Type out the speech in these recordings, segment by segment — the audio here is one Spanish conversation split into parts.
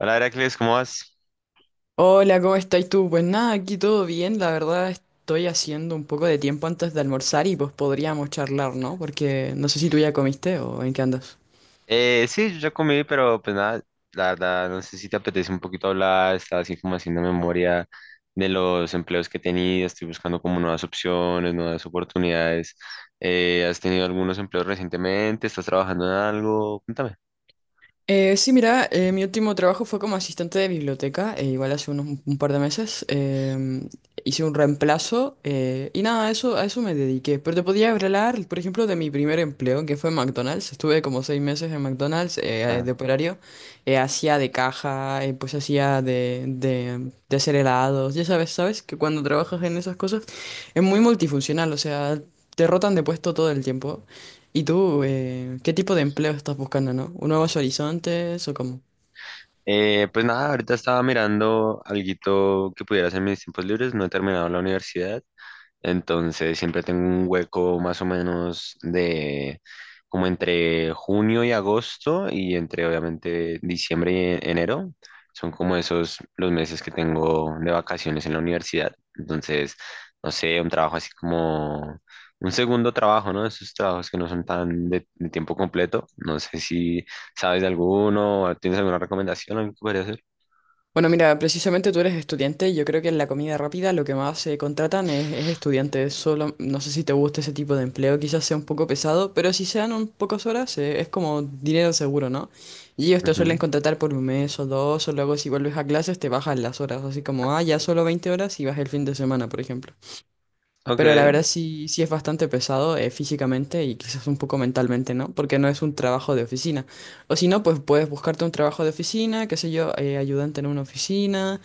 Hola, Heracles, ¿cómo vas? Hola, ¿cómo estás tú? Pues nada, aquí todo bien. La verdad estoy haciendo un poco de tiempo antes de almorzar y pues podríamos charlar, ¿no? Porque no sé si tú ya comiste o en qué andas. Sí, yo ya comí, pero pues nada, la verdad, no sé si te apetece un poquito hablar, estaba así como haciendo memoria de los empleos que he tenido, estoy buscando como nuevas opciones, nuevas oportunidades. ¿Has tenido algunos empleos recientemente? ¿Estás trabajando en algo? Cuéntame. Sí, mira, mi último trabajo fue como asistente de biblioteca, igual hace unos un par de meses. Hice un reemplazo y nada, a eso me dediqué. Pero te podía hablar, por ejemplo, de mi primer empleo, que fue en McDonald's. Estuve como 6 meses en McDonald's Ajá. de operario. Hacía de caja, pues hacía de hacer helados. Ya sabes, sabes que cuando trabajas en esas cosas es muy multifuncional, o sea, te rotan de puesto todo el tiempo. ¿Y tú, qué tipo de empleo estás buscando, no? ¿Un nuevos horizontes o cómo? Pues nada, ahorita estaba mirando alguito que pudiera hacer en mis tiempos libres, no he terminado la universidad. Entonces siempre tengo un hueco más o menos de como entre junio y agosto y entre obviamente diciembre y enero. Son como esos los meses que tengo de vacaciones en la universidad. Entonces, no sé, un trabajo así como un segundo trabajo, ¿no? Esos trabajos que no son tan de tiempo completo. No sé si sabes de alguno, o tienes alguna recomendación, algo que podría hacer. Bueno, mira, precisamente tú eres estudiante. Yo creo que en la comida rápida lo que más se contratan es estudiantes. Solo, no sé si te gusta ese tipo de empleo, quizás sea un poco pesado, pero si se dan un pocas horas, es como dinero seguro, ¿no? Y ellos te suelen Ujú. contratar por un mes o dos, o luego si vuelves a clases te bajan las horas, así como, ah, ya solo 20 horas y vas el fin de semana, por ejemplo. Pero la Ok. verdad sí es bastante pesado físicamente y quizás un poco mentalmente, ¿no? Porque no es un trabajo de oficina. O si no, pues puedes buscarte un trabajo de oficina, qué sé yo, ayudante en una oficina,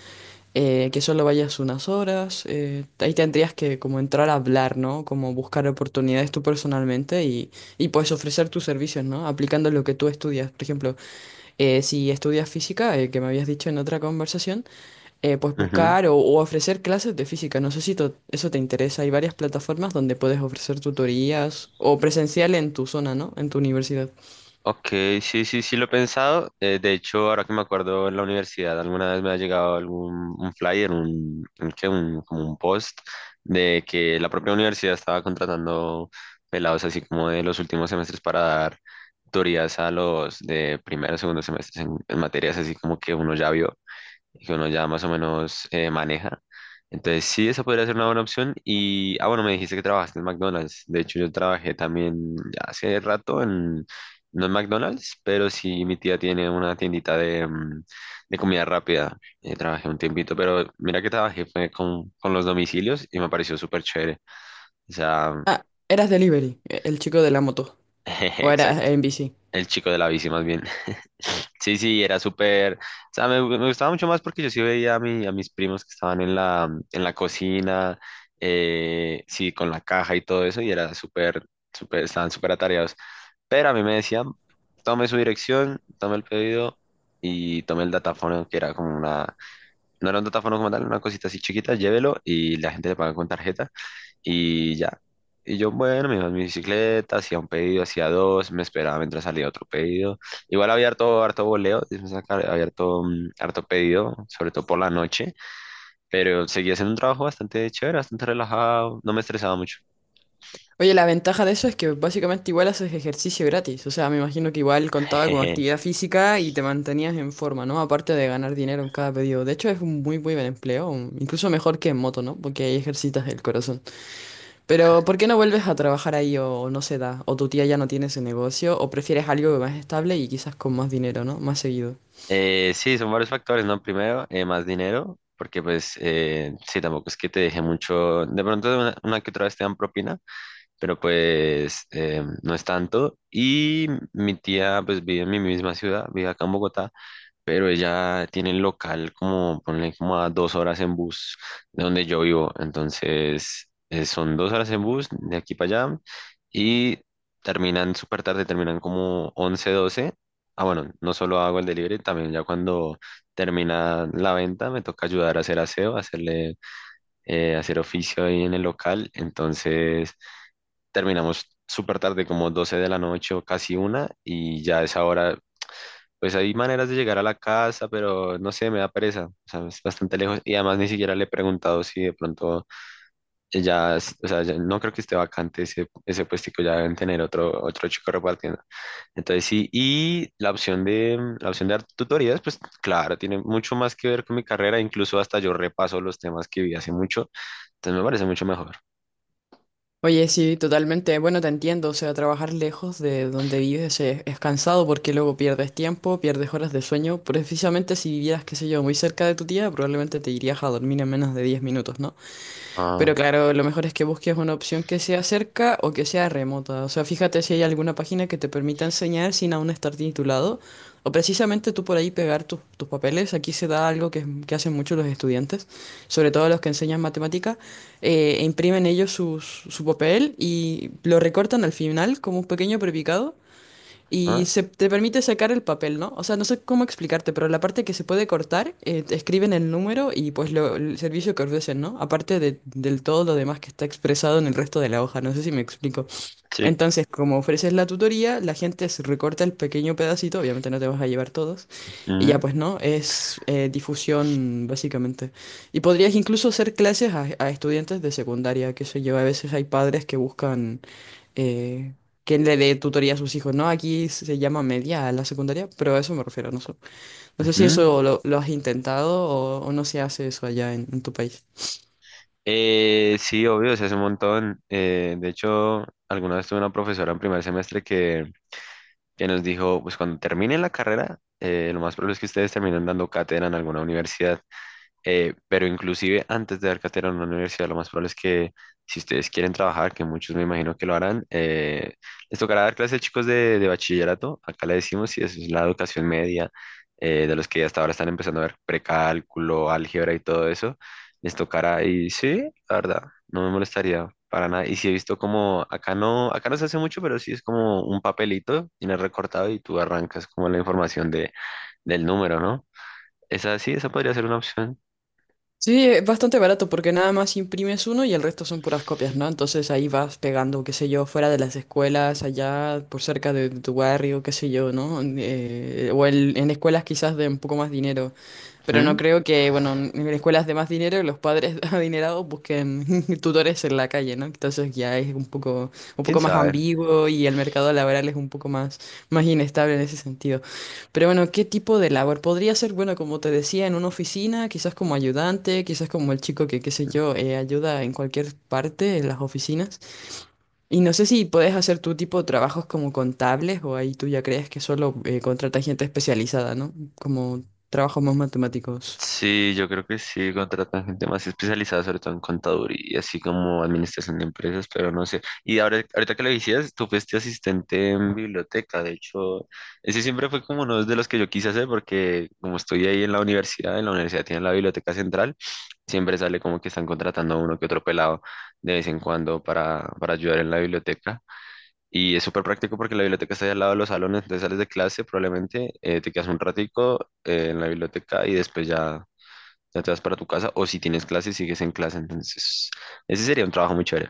que solo vayas unas horas. Ahí tendrías que como entrar a hablar, ¿no? Como buscar oportunidades tú personalmente y puedes ofrecer tus servicios, ¿no? Aplicando lo que tú estudias. Por ejemplo, si estudias física, que me habías dicho en otra conversación pues Ujú. buscar o ofrecer clases de física. No sé si eso te interesa. Hay varias plataformas donde puedes ofrecer tutorías o presencial en tu zona, ¿no? En tu universidad. Ok, sí lo he pensado. De hecho, ahora que me acuerdo en la universidad, alguna vez me ha llegado algún un flyer, como un post de que la propia universidad estaba contratando pelados así como de los últimos semestres para dar tutorías a los de primero o segundo semestres en materias así como que uno ya vio y que uno ya más o menos maneja. Entonces, sí, esa podría ser una buena opción. Y, ah, bueno, me dijiste que trabajaste en McDonald's. De hecho, yo trabajé también ya hace rato en, no en McDonald's, pero sí, mi tía tiene una tiendita de, de comida rápida. Trabajé un tiempito, pero mira que trabajé fue con los domicilios y me pareció súper chévere. O sea, Ah, eras delivery, el chico de la moto. jeje, O eras exacto. en bici. El chico de la bici más bien. Sí, sí, era súper, o sea, me gustaba mucho más porque yo sí veía a, a mis primos que estaban en la cocina, sí, con la caja y todo eso, y era súper, súper, estaban súper atareados. Pero a mí me decían, tome su dirección, tome el pedido y tome el datafono, que era como una, no era un datafono como tal, una cosita así chiquita, llévelo y la gente le paga con tarjeta. Y ya. Y yo, bueno, me iba en mi bicicleta, hacía un pedido, hacía dos, me esperaba mientras salía otro pedido. Igual había harto, harto boleo, digamos acá, había harto, harto pedido, sobre todo por la noche, pero seguía haciendo un trabajo bastante chévere, bastante relajado, no me estresaba mucho. Oye, la ventaja de eso es que básicamente igual haces ejercicio gratis. O sea, me imagino que igual contaba con actividad física y te mantenías en forma, ¿no? Aparte de ganar dinero en cada pedido. De hecho, es un muy, muy buen empleo. Incluso mejor que en moto, ¿no? Porque ahí ejercitas el corazón. Pero, ¿por qué no vuelves a trabajar ahí o no se da? ¿O tu tía ya no tiene ese negocio? ¿O prefieres algo más estable y quizás con más dinero, ¿no? Más seguido. Sí, son varios factores, ¿no? Primero, más dinero, porque pues sí, tampoco es que te deje mucho, de pronto una que otra vez te dan propina, pero pues no es tanto. Y mi tía pues vive en mi misma ciudad, vive acá en Bogotá, pero ella tiene el local como, ponle como a dos horas en bus de donde yo vivo. Entonces son dos horas en bus de aquí para allá y terminan súper tarde, terminan como 11 doce. Ah, bueno, no solo hago el delivery, también ya cuando termina la venta me toca ayudar a hacer aseo, hacerle, hacer oficio ahí en el local. Entonces, terminamos súper tarde, como 12 de la noche o casi una, y ya a esa hora, pues hay maneras de llegar a la casa, pero no sé, me da pereza, o sea, es bastante lejos, y además ni siquiera le he preguntado si de pronto ya, o sea, ya no creo que esté vacante ese puestico, ya deben tener otro, otro chico repartiendo. Entonces sí, y la opción de dar tutorías, pues claro, tiene mucho más que ver con mi carrera, incluso hasta yo repaso los temas que vi hace mucho, entonces me parece mucho mejor. Oye, sí, totalmente. Bueno, te entiendo. O sea, trabajar lejos de donde vives es cansado porque luego pierdes tiempo, pierdes horas de sueño. Precisamente si vivieras, qué sé yo, muy cerca de tu tía, probablemente te irías a dormir en menos de 10 minutos, ¿no? Pero Ah, claro, lo mejor es que busques una opción que sea cerca o que sea remota. O sea, fíjate si hay alguna página que te permita enseñar sin aún estar titulado. O precisamente tú por ahí pegar tus papeles. Aquí se da algo que, que hacen muchos los estudiantes, sobre todo los que enseñan matemática. E imprimen ellos su papel y lo recortan al final como un pequeño prepicado y ah, se te permite sacar el papel, ¿no? O sea, no sé cómo explicarte, pero la parte que se puede cortar, te escriben el número y pues el servicio que ofrecen, ¿no? Aparte del todo lo demás que está expresado en el resto de la hoja, no sé si me explico. sí. Entonces, como ofreces la tutoría, la gente se recorta el pequeño pedacito, obviamente no te vas a llevar todos, y ya Mm, pues no, es difusión básicamente. Y podrías incluso hacer clases a estudiantes de secundaria, que sé yo, a veces hay padres que buscan eh, que le dé tutoría a sus hijos, ¿no? Aquí se llama media a la secundaria, pero a eso me refiero, no sé si ujú. eso lo has intentado o no se hace eso allá en tu país. Sí, obvio, se hace un montón. De hecho, alguna vez tuve una profesora en primer semestre que nos dijo, pues cuando terminen la carrera, lo más probable es que ustedes terminen dando cátedra en alguna universidad. Pero inclusive antes de dar cátedra en una universidad, lo más probable es que si ustedes quieren trabajar, que muchos me imagino que lo harán, les tocará dar clases a chicos de bachillerato, acá le decimos, y eso es la educación media, de los que hasta ahora están empezando a ver precálculo, álgebra y todo eso, les tocará, y sí, la verdad, no me molestaría para nada, y si he visto como, acá no se hace mucho, pero sí es como un papelito, tienes recortado y tú arrancas como la información de, del número, ¿no? Esa sí, esa podría ser una opción. Sí, es bastante barato porque nada más imprimes uno y el resto son puras copias, ¿no? Entonces ahí vas pegando, qué sé yo, fuera de las escuelas, allá por cerca de tu barrio, qué sé yo, ¿no? O en escuelas quizás de un poco más dinero. Pero no creo que, bueno, en escuelas de más dinero los padres adinerados busquen tutores en la calle, ¿no? Entonces ya es un ¿Quién poco más sabe? ambiguo y el mercado laboral es un poco más, más inestable en ese sentido. Pero bueno, ¿qué tipo de labor? Podría ser, bueno, como te decía, en una oficina, quizás como ayudante, quizás como el chico que, qué sé yo, ayuda en cualquier parte, en las oficinas. Y no sé si puedes hacer tu tipo de trabajos como contables o ahí tú ya crees que solo contratas gente especializada, ¿no? Como trabajos más matemáticos. Sí, yo creo que sí, contratan gente más especializada, sobre todo en contaduría, así como administración de empresas, pero no sé. Y ahora, ahorita que lo decías, tú fuiste asistente en biblioteca, de hecho, ese siempre fue como uno de los que yo quise hacer, porque como estoy ahí en la universidad tienen la biblioteca central, siempre sale como que están contratando a uno que otro pelado de vez en cuando para ayudar en la biblioteca. Y es súper práctico porque la biblioteca está ahí al lado de los salones, entonces sales de clase probablemente, te quedas un ratico en la biblioteca y después ya, ya te vas para tu casa o si tienes clase sigues en clase, entonces ese sería un trabajo muy chévere.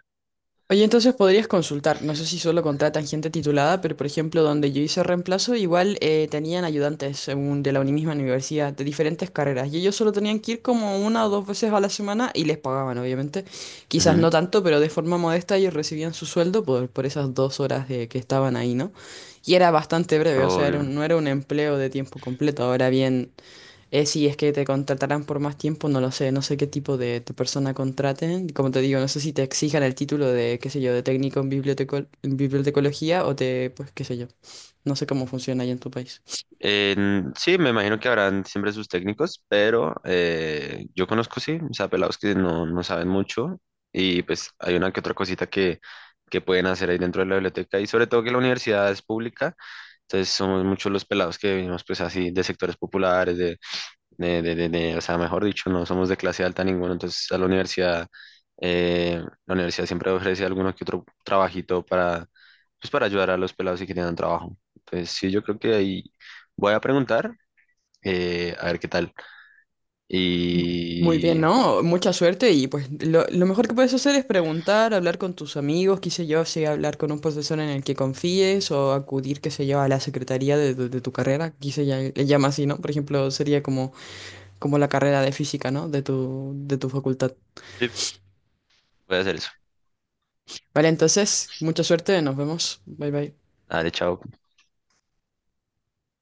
Oye, entonces podrías consultar, no sé si solo contratan gente titulada, pero por ejemplo donde yo hice reemplazo, igual tenían ayudantes según de la misma universidad, de diferentes carreras, y ellos solo tenían que ir como una o dos veces a la semana y les pagaban, obviamente. Quizás Ujú, no tanto, pero de forma modesta ellos recibían su sueldo por esas 2 horas de, que estaban ahí, ¿no? Y era bastante breve, o sea, era obvio. No era un empleo de tiempo completo. Ahora bien, si es que te contratarán por más tiempo, no lo sé, no sé qué tipo de persona contraten. Como te digo, no sé si te exijan el título de, qué sé yo, de técnico en en bibliotecología o te, pues, qué sé yo. No sé cómo funciona ahí en tu país. Sí, me imagino que habrán siempre sus técnicos, pero yo conozco, sí, o sea, pelados que no saben mucho y pues hay una que otra cosita que pueden hacer ahí dentro de la biblioteca y sobre todo que la universidad es pública. Entonces somos muchos los pelados que venimos pues así de sectores populares, o sea, mejor dicho, no somos de clase alta ninguno, entonces a eh, la universidad siempre ofrece alguno que otro trabajito para, pues para ayudar a los pelados si quieren un trabajo. Entonces sí, yo creo que ahí voy a preguntar, a ver qué tal, Muy y bien, ¿no? Mucha suerte y pues lo mejor que puedes hacer es preguntar, hablar con tus amigos, qué sé yo, si hablar con un profesor en el que confíes o acudir, qué sé yo, a la secretaría de tu carrera, aquí se le llama así, ¿no? Por ejemplo, sería como, como la carrera de física, ¿no? De de tu facultad. sí, voy a hacer eso. Vale, entonces, mucha suerte, nos vemos. Bye bye. Dale, chao.